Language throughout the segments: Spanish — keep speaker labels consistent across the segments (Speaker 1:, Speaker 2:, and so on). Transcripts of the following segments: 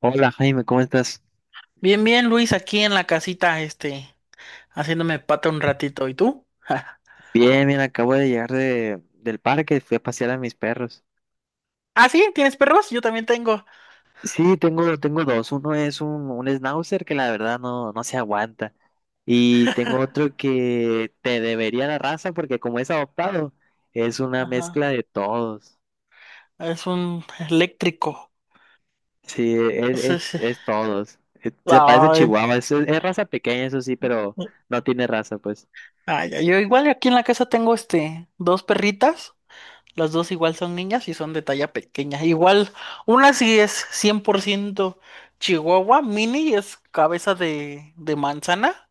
Speaker 1: Hola Jaime, ¿cómo estás?
Speaker 2: Bien, bien, Luis, aquí en la casita, haciéndome pata un ratito. ¿Y tú?
Speaker 1: Bien, bien, acabo de llegar del parque, fui a pasear a mis perros.
Speaker 2: Ah, sí, ¿tienes perros? Yo también tengo.
Speaker 1: Sí, tengo dos. Uno es un schnauzer que la verdad no se aguanta. Y tengo otro que te debería la raza porque como es adoptado, es una mezcla
Speaker 2: Ajá.
Speaker 1: de todos.
Speaker 2: Es un eléctrico.
Speaker 1: Sí, es,
Speaker 2: Sí,
Speaker 1: es,
Speaker 2: sí.
Speaker 1: es todos. Se parece a
Speaker 2: Ay,
Speaker 1: Chihuahua, es raza pequeña, eso sí, pero no tiene raza, pues.
Speaker 2: ay, ay, yo igual aquí en la casa tengo, dos perritas. Las dos igual son niñas y son de talla pequeña. Igual, una sí es 100% chihuahua, mini, es cabeza de manzana.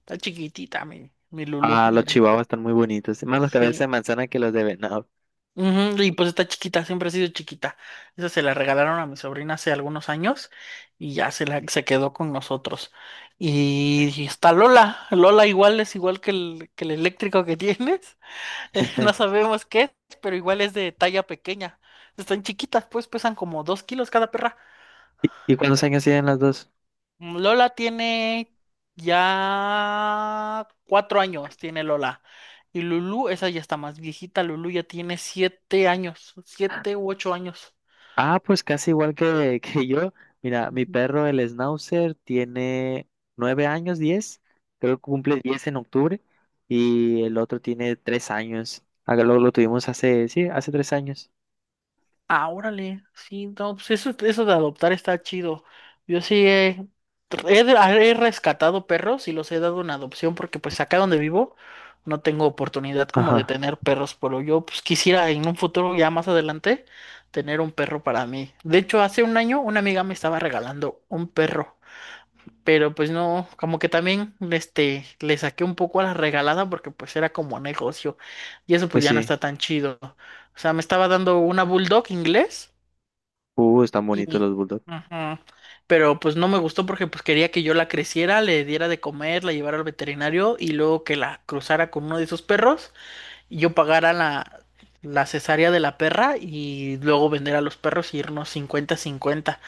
Speaker 2: Está chiquitita mi Lulu.
Speaker 1: Ah,
Speaker 2: Y
Speaker 1: los
Speaker 2: ya,
Speaker 1: chihuahuas están muy bonitos, más los cabezas de
Speaker 2: sí,
Speaker 1: manzana que los de venado.
Speaker 2: ujú, y pues está chiquita, siempre ha sido chiquita. Esa se la regalaron a mi sobrina hace algunos años y ya se quedó con nosotros. Y está Lola. Lola igual es igual que el eléctrico que tienes. No sabemos qué es, pero igual es de talla pequeña. Están chiquitas, pues pesan como 2 kilos cada perra.
Speaker 1: ¿Y cuántos años tienen las dos?
Speaker 2: Lola tiene ya 4 años, tiene Lola. Y Lulu, esa ya está más viejita. Lulu ya tiene 7 años, 7 u 8 años.
Speaker 1: Ah, pues casi igual que, que yo. Mira, mi
Speaker 2: Ujú.
Speaker 1: perro, el Schnauzer, tiene 9 años, 10. Creo que cumple 10 en octubre. Y el otro tiene 3 años. Acá lo tuvimos hace, sí, hace 3 años.
Speaker 2: Ah, órale, sí, no, pues eso de adoptar está chido. Yo sí he rescatado perros y los he dado en adopción porque pues acá donde vivo no tengo oportunidad como de
Speaker 1: Ajá,
Speaker 2: tener perros, pero yo pues quisiera en un futuro ya más adelante tener un perro para mí. De hecho, hace un año una amiga me estaba regalando un perro. Pero pues no, como que también le saqué un poco a la regalada porque pues era como negocio y eso pues
Speaker 1: pues
Speaker 2: ya no
Speaker 1: sí.
Speaker 2: está tan chido. O sea, me estaba dando una bulldog inglés
Speaker 1: Están bonitos
Speaker 2: y...
Speaker 1: los bulldogs.
Speaker 2: Ajá. Pero pues no me gustó porque pues quería que yo la creciera, le diera de comer, la llevara al veterinario y luego que la cruzara con uno de esos perros y yo pagara la cesárea de la perra y luego vender a los perros y irnos 50/50.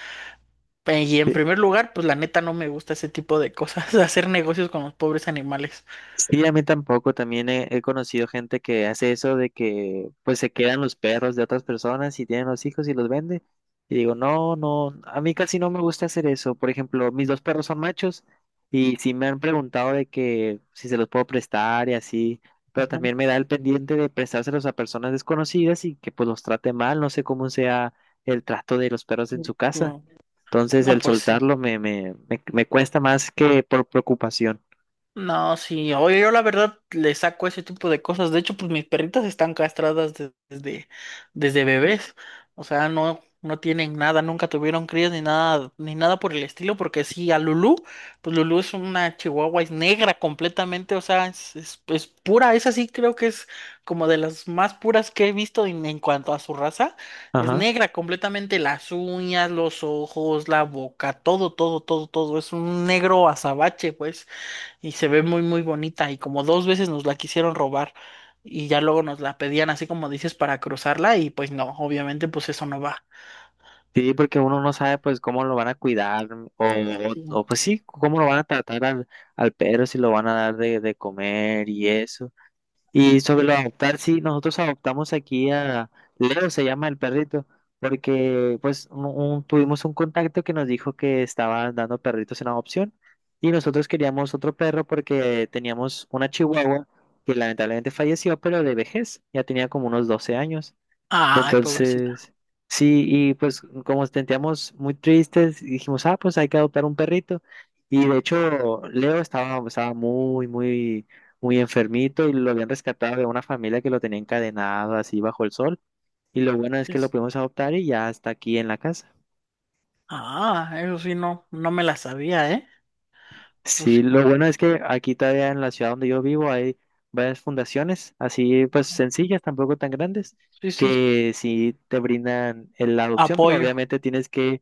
Speaker 2: Y en primer lugar, pues la neta no me gusta ese tipo de cosas, hacer negocios con los pobres animales.
Speaker 1: Sí, a mí tampoco. También he conocido gente que hace eso de que pues se quedan los perros de otras personas y tienen los hijos y los vende. Y digo, no, no, a mí casi no me gusta hacer eso. Por ejemplo, mis dos perros son machos y sí me han preguntado de que si se los puedo prestar y así, pero
Speaker 2: Ajá.
Speaker 1: también me da el pendiente de prestárselos a personas desconocidas y que pues los trate mal. No sé cómo sea el trato de los perros en su casa.
Speaker 2: No,
Speaker 1: Entonces
Speaker 2: no,
Speaker 1: el
Speaker 2: pues sí.
Speaker 1: soltarlo me cuesta más que por preocupación.
Speaker 2: No, sí, oye, yo la verdad le saco ese tipo de cosas. De hecho, pues mis perritas están castradas desde bebés. O sea, no, no tienen nada, nunca tuvieron crías ni nada, ni nada por el estilo, porque sí, a Lulú, pues Lulú es una chihuahua, es negra completamente, o sea, es pura, esa sí creo que es como de las más puras que he visto en cuanto a su raza. Es
Speaker 1: Ajá.
Speaker 2: negra completamente, las uñas, los ojos, la boca, todo, todo, todo, todo. Es un negro azabache, pues y se ve muy muy bonita y como 2 veces nos la quisieron robar y ya luego nos la pedían así como dices para cruzarla y pues no, obviamente pues eso no va.
Speaker 1: Sí, porque uno no sabe pues cómo lo van a cuidar mm, o,
Speaker 2: Sí.
Speaker 1: o o, pues sí, cómo lo van a tratar al perro, si lo van a dar de comer y eso. Y sobre lo de adoptar, sí, nosotros adoptamos aquí a Leo, se llama el perrito, porque pues tuvimos un contacto que nos dijo que estaban dando perritos en adopción y nosotros queríamos otro perro porque teníamos una chihuahua que lamentablemente falleció, pero de vejez, ya tenía como unos 12 años.
Speaker 2: Ay, pobrecita.
Speaker 1: Entonces, sí, y pues como nos sentíamos muy tristes, dijimos, ah, pues hay que adoptar un perrito. Y de hecho, Leo estaba muy, muy, muy enfermito y lo habían rescatado de una familia que lo tenía encadenado así bajo el sol. Y lo bueno es que lo
Speaker 2: Es-
Speaker 1: pudimos adoptar y ya está aquí en la casa.
Speaker 2: Ah, eso sí no, no me la sabía, ¿eh? Pues
Speaker 1: Sí,
Speaker 2: sí,
Speaker 1: lo bueno es que aquí todavía en la ciudad donde yo vivo hay varias fundaciones, así pues
Speaker 2: ajá.
Speaker 1: sencillas, tampoco tan grandes,
Speaker 2: Sí, sí,
Speaker 1: que sí te brindan la adopción, pero
Speaker 2: apoyo.
Speaker 1: obviamente tienes que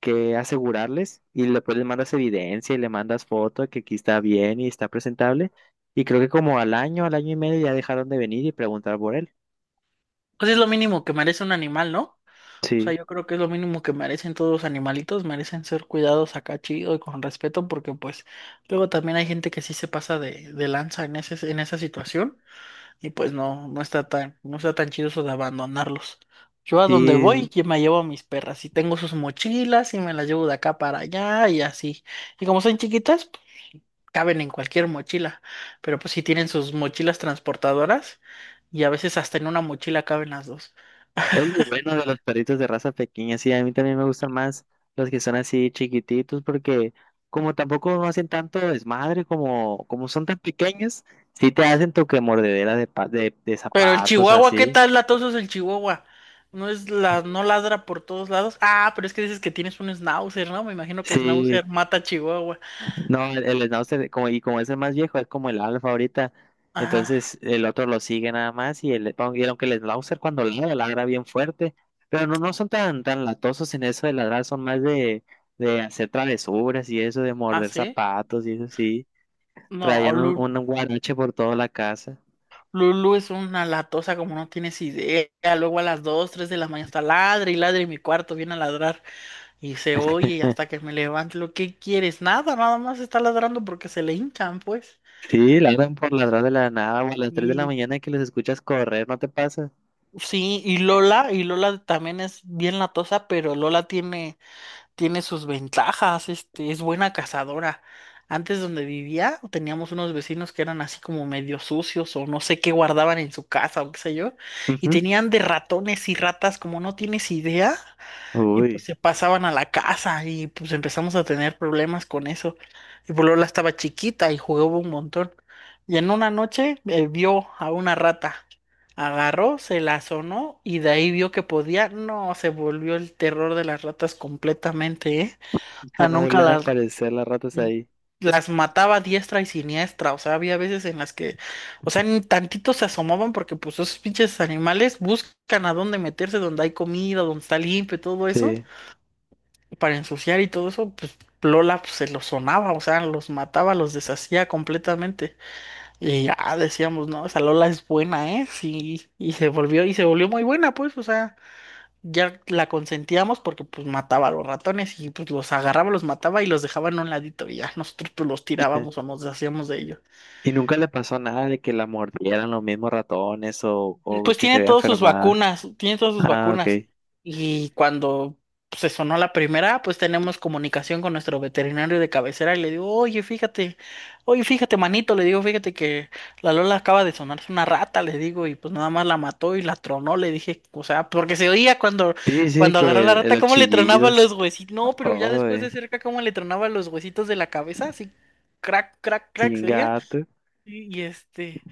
Speaker 1: que asegurarles y después les mandas evidencia y le mandas foto de que aquí está bien y está presentable. Y creo que como al año y medio ya dejaron de venir y preguntar por él.
Speaker 2: Pues es lo mínimo que merece un animal, ¿no? O sea,
Speaker 1: Sí,
Speaker 2: yo creo que es lo mínimo que merecen todos los animalitos, merecen ser cuidados acá chido y con respeto, porque pues luego también hay gente que sí se pasa de lanza en esa situación. Y pues no, no está tan chido eso de abandonarlos. Yo a donde voy,
Speaker 1: sí,
Speaker 2: yo me llevo a mis perras y tengo sus mochilas y me las llevo de acá para allá y así. Y como son chiquitas, pues, caben en cualquier mochila. Pero pues sí tienen sus mochilas transportadoras y a veces hasta en una mochila caben las dos.
Speaker 1: es lo bueno de los perritos de raza pequeña. Sí, a mí también me gustan más los que son así chiquititos porque como tampoco no hacen tanto desmadre como son tan pequeños, sí te hacen tu que mordedera de
Speaker 2: Pero el
Speaker 1: zapatos o
Speaker 2: chihuahua, ¿qué
Speaker 1: así.
Speaker 2: tal latoso es el chihuahua? No ladra por todos lados. Ah, pero es que dices que tienes un schnauzer, ¿no? Me imagino que
Speaker 1: Sí,
Speaker 2: schnauzer mata chihuahua.
Speaker 1: no, el Snauzer, y como es el más viejo, es como el alfa ahorita.
Speaker 2: Ajá.
Speaker 1: Entonces el otro lo sigue nada más y aunque el Snauzer cuando ladra, ladra bien fuerte. Pero no son tan latosos en eso de ladrar, son más de hacer travesuras y eso, de
Speaker 2: ¿Ah,
Speaker 1: morder
Speaker 2: sí?
Speaker 1: zapatos y eso sí.
Speaker 2: No,
Speaker 1: Traían un, un guarache por toda la casa.
Speaker 2: Lulu es una latosa como no tienes idea. Luego a las 2, 3 de la mañana está ladre y ladre y mi cuarto, viene a ladrar y se oye y hasta que me levante. ¿Lo que quieres? Nada, nada más está ladrando porque se le hinchan, pues.
Speaker 1: Sí, ladran por ladrar de la nada o a las 3 de la
Speaker 2: Y
Speaker 1: mañana que los escuchas correr, ¿no te pasa?
Speaker 2: sí, y Lola también es bien latosa, pero Lola tiene sus ventajas, es buena cazadora. Antes donde vivía teníamos unos vecinos que eran así como medio sucios o no sé qué guardaban en su casa o qué sé yo, y
Speaker 1: Ujú.
Speaker 2: tenían de ratones y ratas como no tienes idea. Y pues
Speaker 1: Uy,
Speaker 2: se pasaban a la casa y pues empezamos a tener problemas con eso. Y pues Lola estaba chiquita y jugaba un montón. Y en una noche vio a una rata. Agarró, se la sonó y de ahí vio que podía. No, se volvió el terror de las ratas completamente, ¿eh? O
Speaker 1: ya
Speaker 2: sea,
Speaker 1: no
Speaker 2: nunca
Speaker 1: volvieron a
Speaker 2: las,
Speaker 1: aparecer las ratas
Speaker 2: mm,
Speaker 1: ahí.
Speaker 2: las mataba a diestra y siniestra. O sea, había veces en las que, o sea, ni tantito se asomaban porque pues esos pinches animales buscan a dónde meterse, donde hay comida, donde está limpio, todo eso
Speaker 1: Sí.
Speaker 2: para ensuciar y todo eso, pues Lola pues, se los sonaba, o sea, los mataba, los deshacía completamente. Y ya decíamos, no, esa Lola es buena, ¿eh? Sí, y se volvió muy buena, pues, o sea, ya la consentíamos porque pues mataba a los ratones y pues los agarraba, los mataba y los dejaba en un ladito y ya nosotros pues los tirábamos o nos deshacíamos de ellos.
Speaker 1: Y nunca le pasó nada de que la mordieran los mismos ratones o
Speaker 2: Pues
Speaker 1: que se
Speaker 2: tiene
Speaker 1: vea
Speaker 2: todas sus
Speaker 1: enfermada.
Speaker 2: vacunas, tiene todas sus
Speaker 1: Ah, ok.
Speaker 2: vacunas. Y cuando pues, se sonó la primera, pues tenemos comunicación con nuestro veterinario de cabecera y le digo, oye, fíjate, manito, le digo, fíjate que la Lola acaba de sonarse una rata, le digo, y pues nada más la mató y la tronó, le dije, o sea, porque se oía cuando,
Speaker 1: Sí, sí,
Speaker 2: cuando
Speaker 1: que
Speaker 2: agarró la rata,
Speaker 1: los
Speaker 2: cómo le tronaba
Speaker 1: chillidos.
Speaker 2: los huesitos, no, pero ya
Speaker 1: Oh,
Speaker 2: después de cerca, cómo le tronaba los huesitos de la cabeza, así, crack, crack, crack, se oía,
Speaker 1: chingato.
Speaker 2: y y este...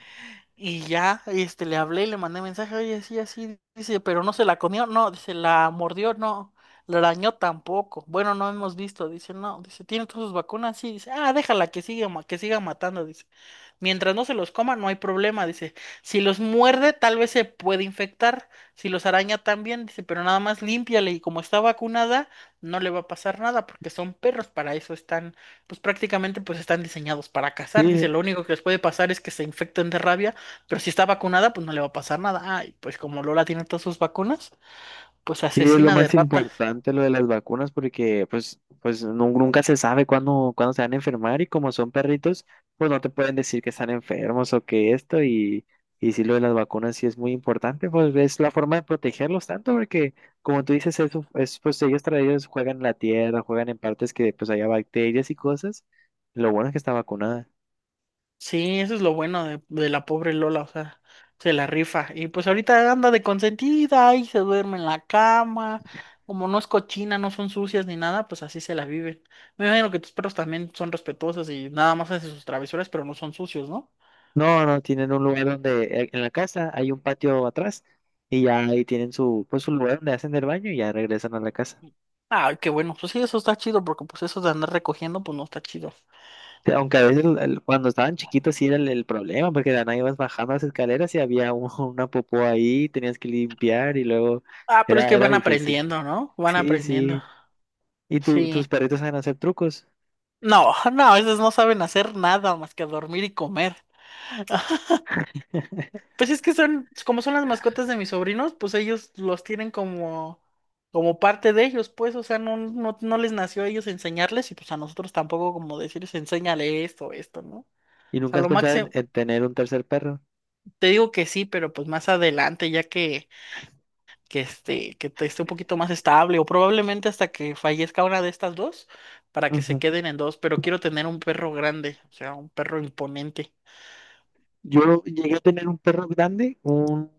Speaker 2: Y ya, le hablé y le mandé mensaje, oye, sí, así, dice, pero no se la comió, no, dice, la mordió, no, la arañó tampoco. Bueno, no hemos visto, dice, no, dice, tiene todas sus vacunas, sí, dice, ah, déjala que siga, que siga matando, dice. Mientras no se los coma, no hay problema, dice. Si los muerde, tal vez se puede infectar, si los araña también, dice, pero nada más límpiale y como está vacunada, no le va a pasar nada porque son perros, para eso están, pues prácticamente pues están diseñados para cazar, dice,
Speaker 1: Sí,
Speaker 2: lo único que les puede pasar es que se infecten de rabia pero si está vacunada, pues no le va a pasar nada. Ay, pues como Lola tiene todas sus vacunas, pues
Speaker 1: y es lo
Speaker 2: asesina de
Speaker 1: más
Speaker 2: ratas.
Speaker 1: importante lo de las vacunas porque pues nunca se sabe cuándo se van a enfermar y como son perritos, pues no te pueden decir que están enfermos o que esto y sí lo de las vacunas sí es muy importante, pues es la forma de protegerlos tanto porque como tú dices, eso es, pues ellos, ellos juegan en la tierra, juegan en partes que pues haya bacterias y cosas. Lo bueno es que está vacunada.
Speaker 2: Sí, eso es lo bueno de la pobre Lola, o sea, se la rifa. Y pues ahorita anda de consentida y se duerme en la cama. Como no es cochina, no son sucias ni nada, pues así se la viven. Me imagino que tus perros también son respetuosos y nada más hacen sus travesuras, pero no son sucios, ¿no?
Speaker 1: No, no, tienen un lugar donde en la casa hay un patio atrás y ya ahí tienen pues su lugar donde hacen el baño y ya regresan a la casa.
Speaker 2: Ay, qué bueno. Pues sí, eso está chido, porque pues eso de andar recogiendo, pues no está chido.
Speaker 1: Sí, aunque a veces cuando estaban chiquitos sí era el problema, porque de la nada ibas bajando las escaleras y había una popó ahí, tenías que limpiar y luego
Speaker 2: Ah, pero es
Speaker 1: era,
Speaker 2: que
Speaker 1: era
Speaker 2: van
Speaker 1: difícil.
Speaker 2: aprendiendo, ¿no? Van
Speaker 1: Sí,
Speaker 2: aprendiendo.
Speaker 1: sí. ¿Y
Speaker 2: Sí.
Speaker 1: tus perritos saben hacer trucos?
Speaker 2: No, no, esas no saben hacer nada más que dormir y comer. Pues es que como son las mascotas de mis sobrinos, pues ellos los tienen como parte de ellos, pues, o sea, no les nació a ellos enseñarles y pues a nosotros tampoco como decirles, enséñale esto, esto, ¿no? O
Speaker 1: ¿Y
Speaker 2: sea,
Speaker 1: nunca has
Speaker 2: lo
Speaker 1: pensado en,
Speaker 2: máximo,
Speaker 1: en tener un tercer perro?
Speaker 2: te digo que sí, pero pues más adelante, ya que te esté un poquito más estable, o probablemente hasta que fallezca una de estas dos, para que se queden en dos, pero quiero tener un perro grande, o sea, un perro imponente.
Speaker 1: Yo llegué a tener un perro grande, un,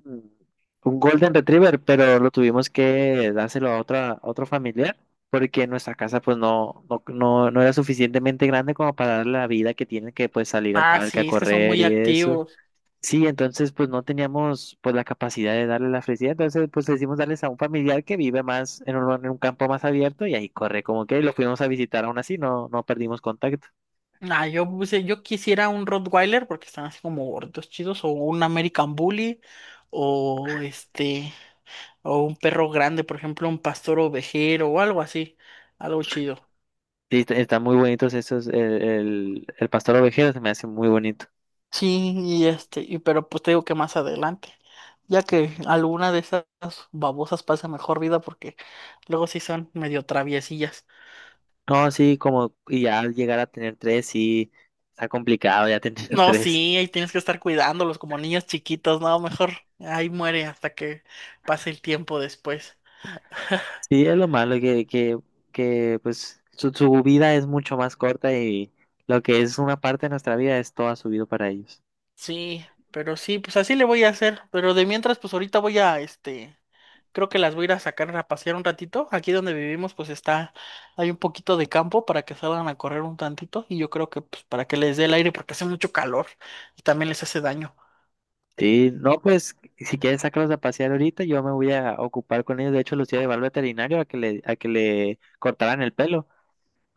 Speaker 1: un Golden Retriever, pero lo tuvimos que dárselo a otra, a otro familiar, porque nuestra casa pues no era suficientemente grande como para darle la vida que tiene que pues salir al
Speaker 2: Ah,
Speaker 1: parque a
Speaker 2: sí, es que son
Speaker 1: correr
Speaker 2: muy
Speaker 1: y eso.
Speaker 2: activos.
Speaker 1: Sí, entonces pues no teníamos pues la capacidad de darle la felicidad, entonces pues decidimos darles a un familiar que vive más en un, campo más abierto y ahí corre como que y lo fuimos a visitar aún así, no, no perdimos contacto.
Speaker 2: Ah, yo quisiera un Rottweiler porque están así como gordos, chidos, o un American Bully, o o un perro grande, por ejemplo, un pastor ovejero o algo así, algo chido.
Speaker 1: Sí, están muy bonitos esos, el pastor ovejero se me hace muy bonito.
Speaker 2: Sí, pero pues te digo que más adelante, ya que alguna de esas babosas pasa mejor vida porque luego sí son medio traviesillas.
Speaker 1: No, sí, y ya al llegar a tener tres, sí, está complicado ya tener
Speaker 2: No,
Speaker 1: tres.
Speaker 2: sí, ahí tienes que estar cuidándolos como niños chiquitos, no, mejor ahí muere hasta que pase el tiempo después.
Speaker 1: Sí, es lo malo, que pues su vida es mucho más corta y lo que es una parte de nuestra vida es toda su vida para ellos.
Speaker 2: Sí, pero sí, pues así le voy a hacer, pero de mientras, pues ahorita voy a, creo que las voy a ir a sacar a pasear un ratito. Aquí donde vivimos, pues hay un poquito de campo para que salgan a correr un tantito y yo creo que, pues, para que les dé el aire porque hace mucho calor y también les hace daño.
Speaker 1: Sí, no, pues si quieres sacarlos a pasear ahorita, yo me voy a ocupar con ellos. De hecho, los iba a llevar al veterinario a que le cortaran el pelo.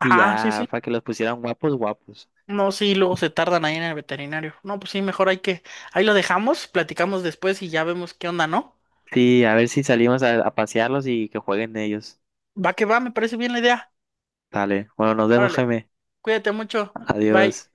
Speaker 1: Y
Speaker 2: sí, sí.
Speaker 1: ya, para que los pusieran guapos, guapos.
Speaker 2: No, sí, luego se tardan ahí en el veterinario. No, pues sí, mejor ahí lo dejamos, platicamos después y ya vemos qué onda, ¿no?
Speaker 1: Sí, a ver si salimos a pasearlos y que jueguen ellos.
Speaker 2: Va que va, me parece bien la idea.
Speaker 1: Dale. Bueno, nos vemos,
Speaker 2: Órale,
Speaker 1: Jaime.
Speaker 2: cuídate mucho. Bye.
Speaker 1: Adiós.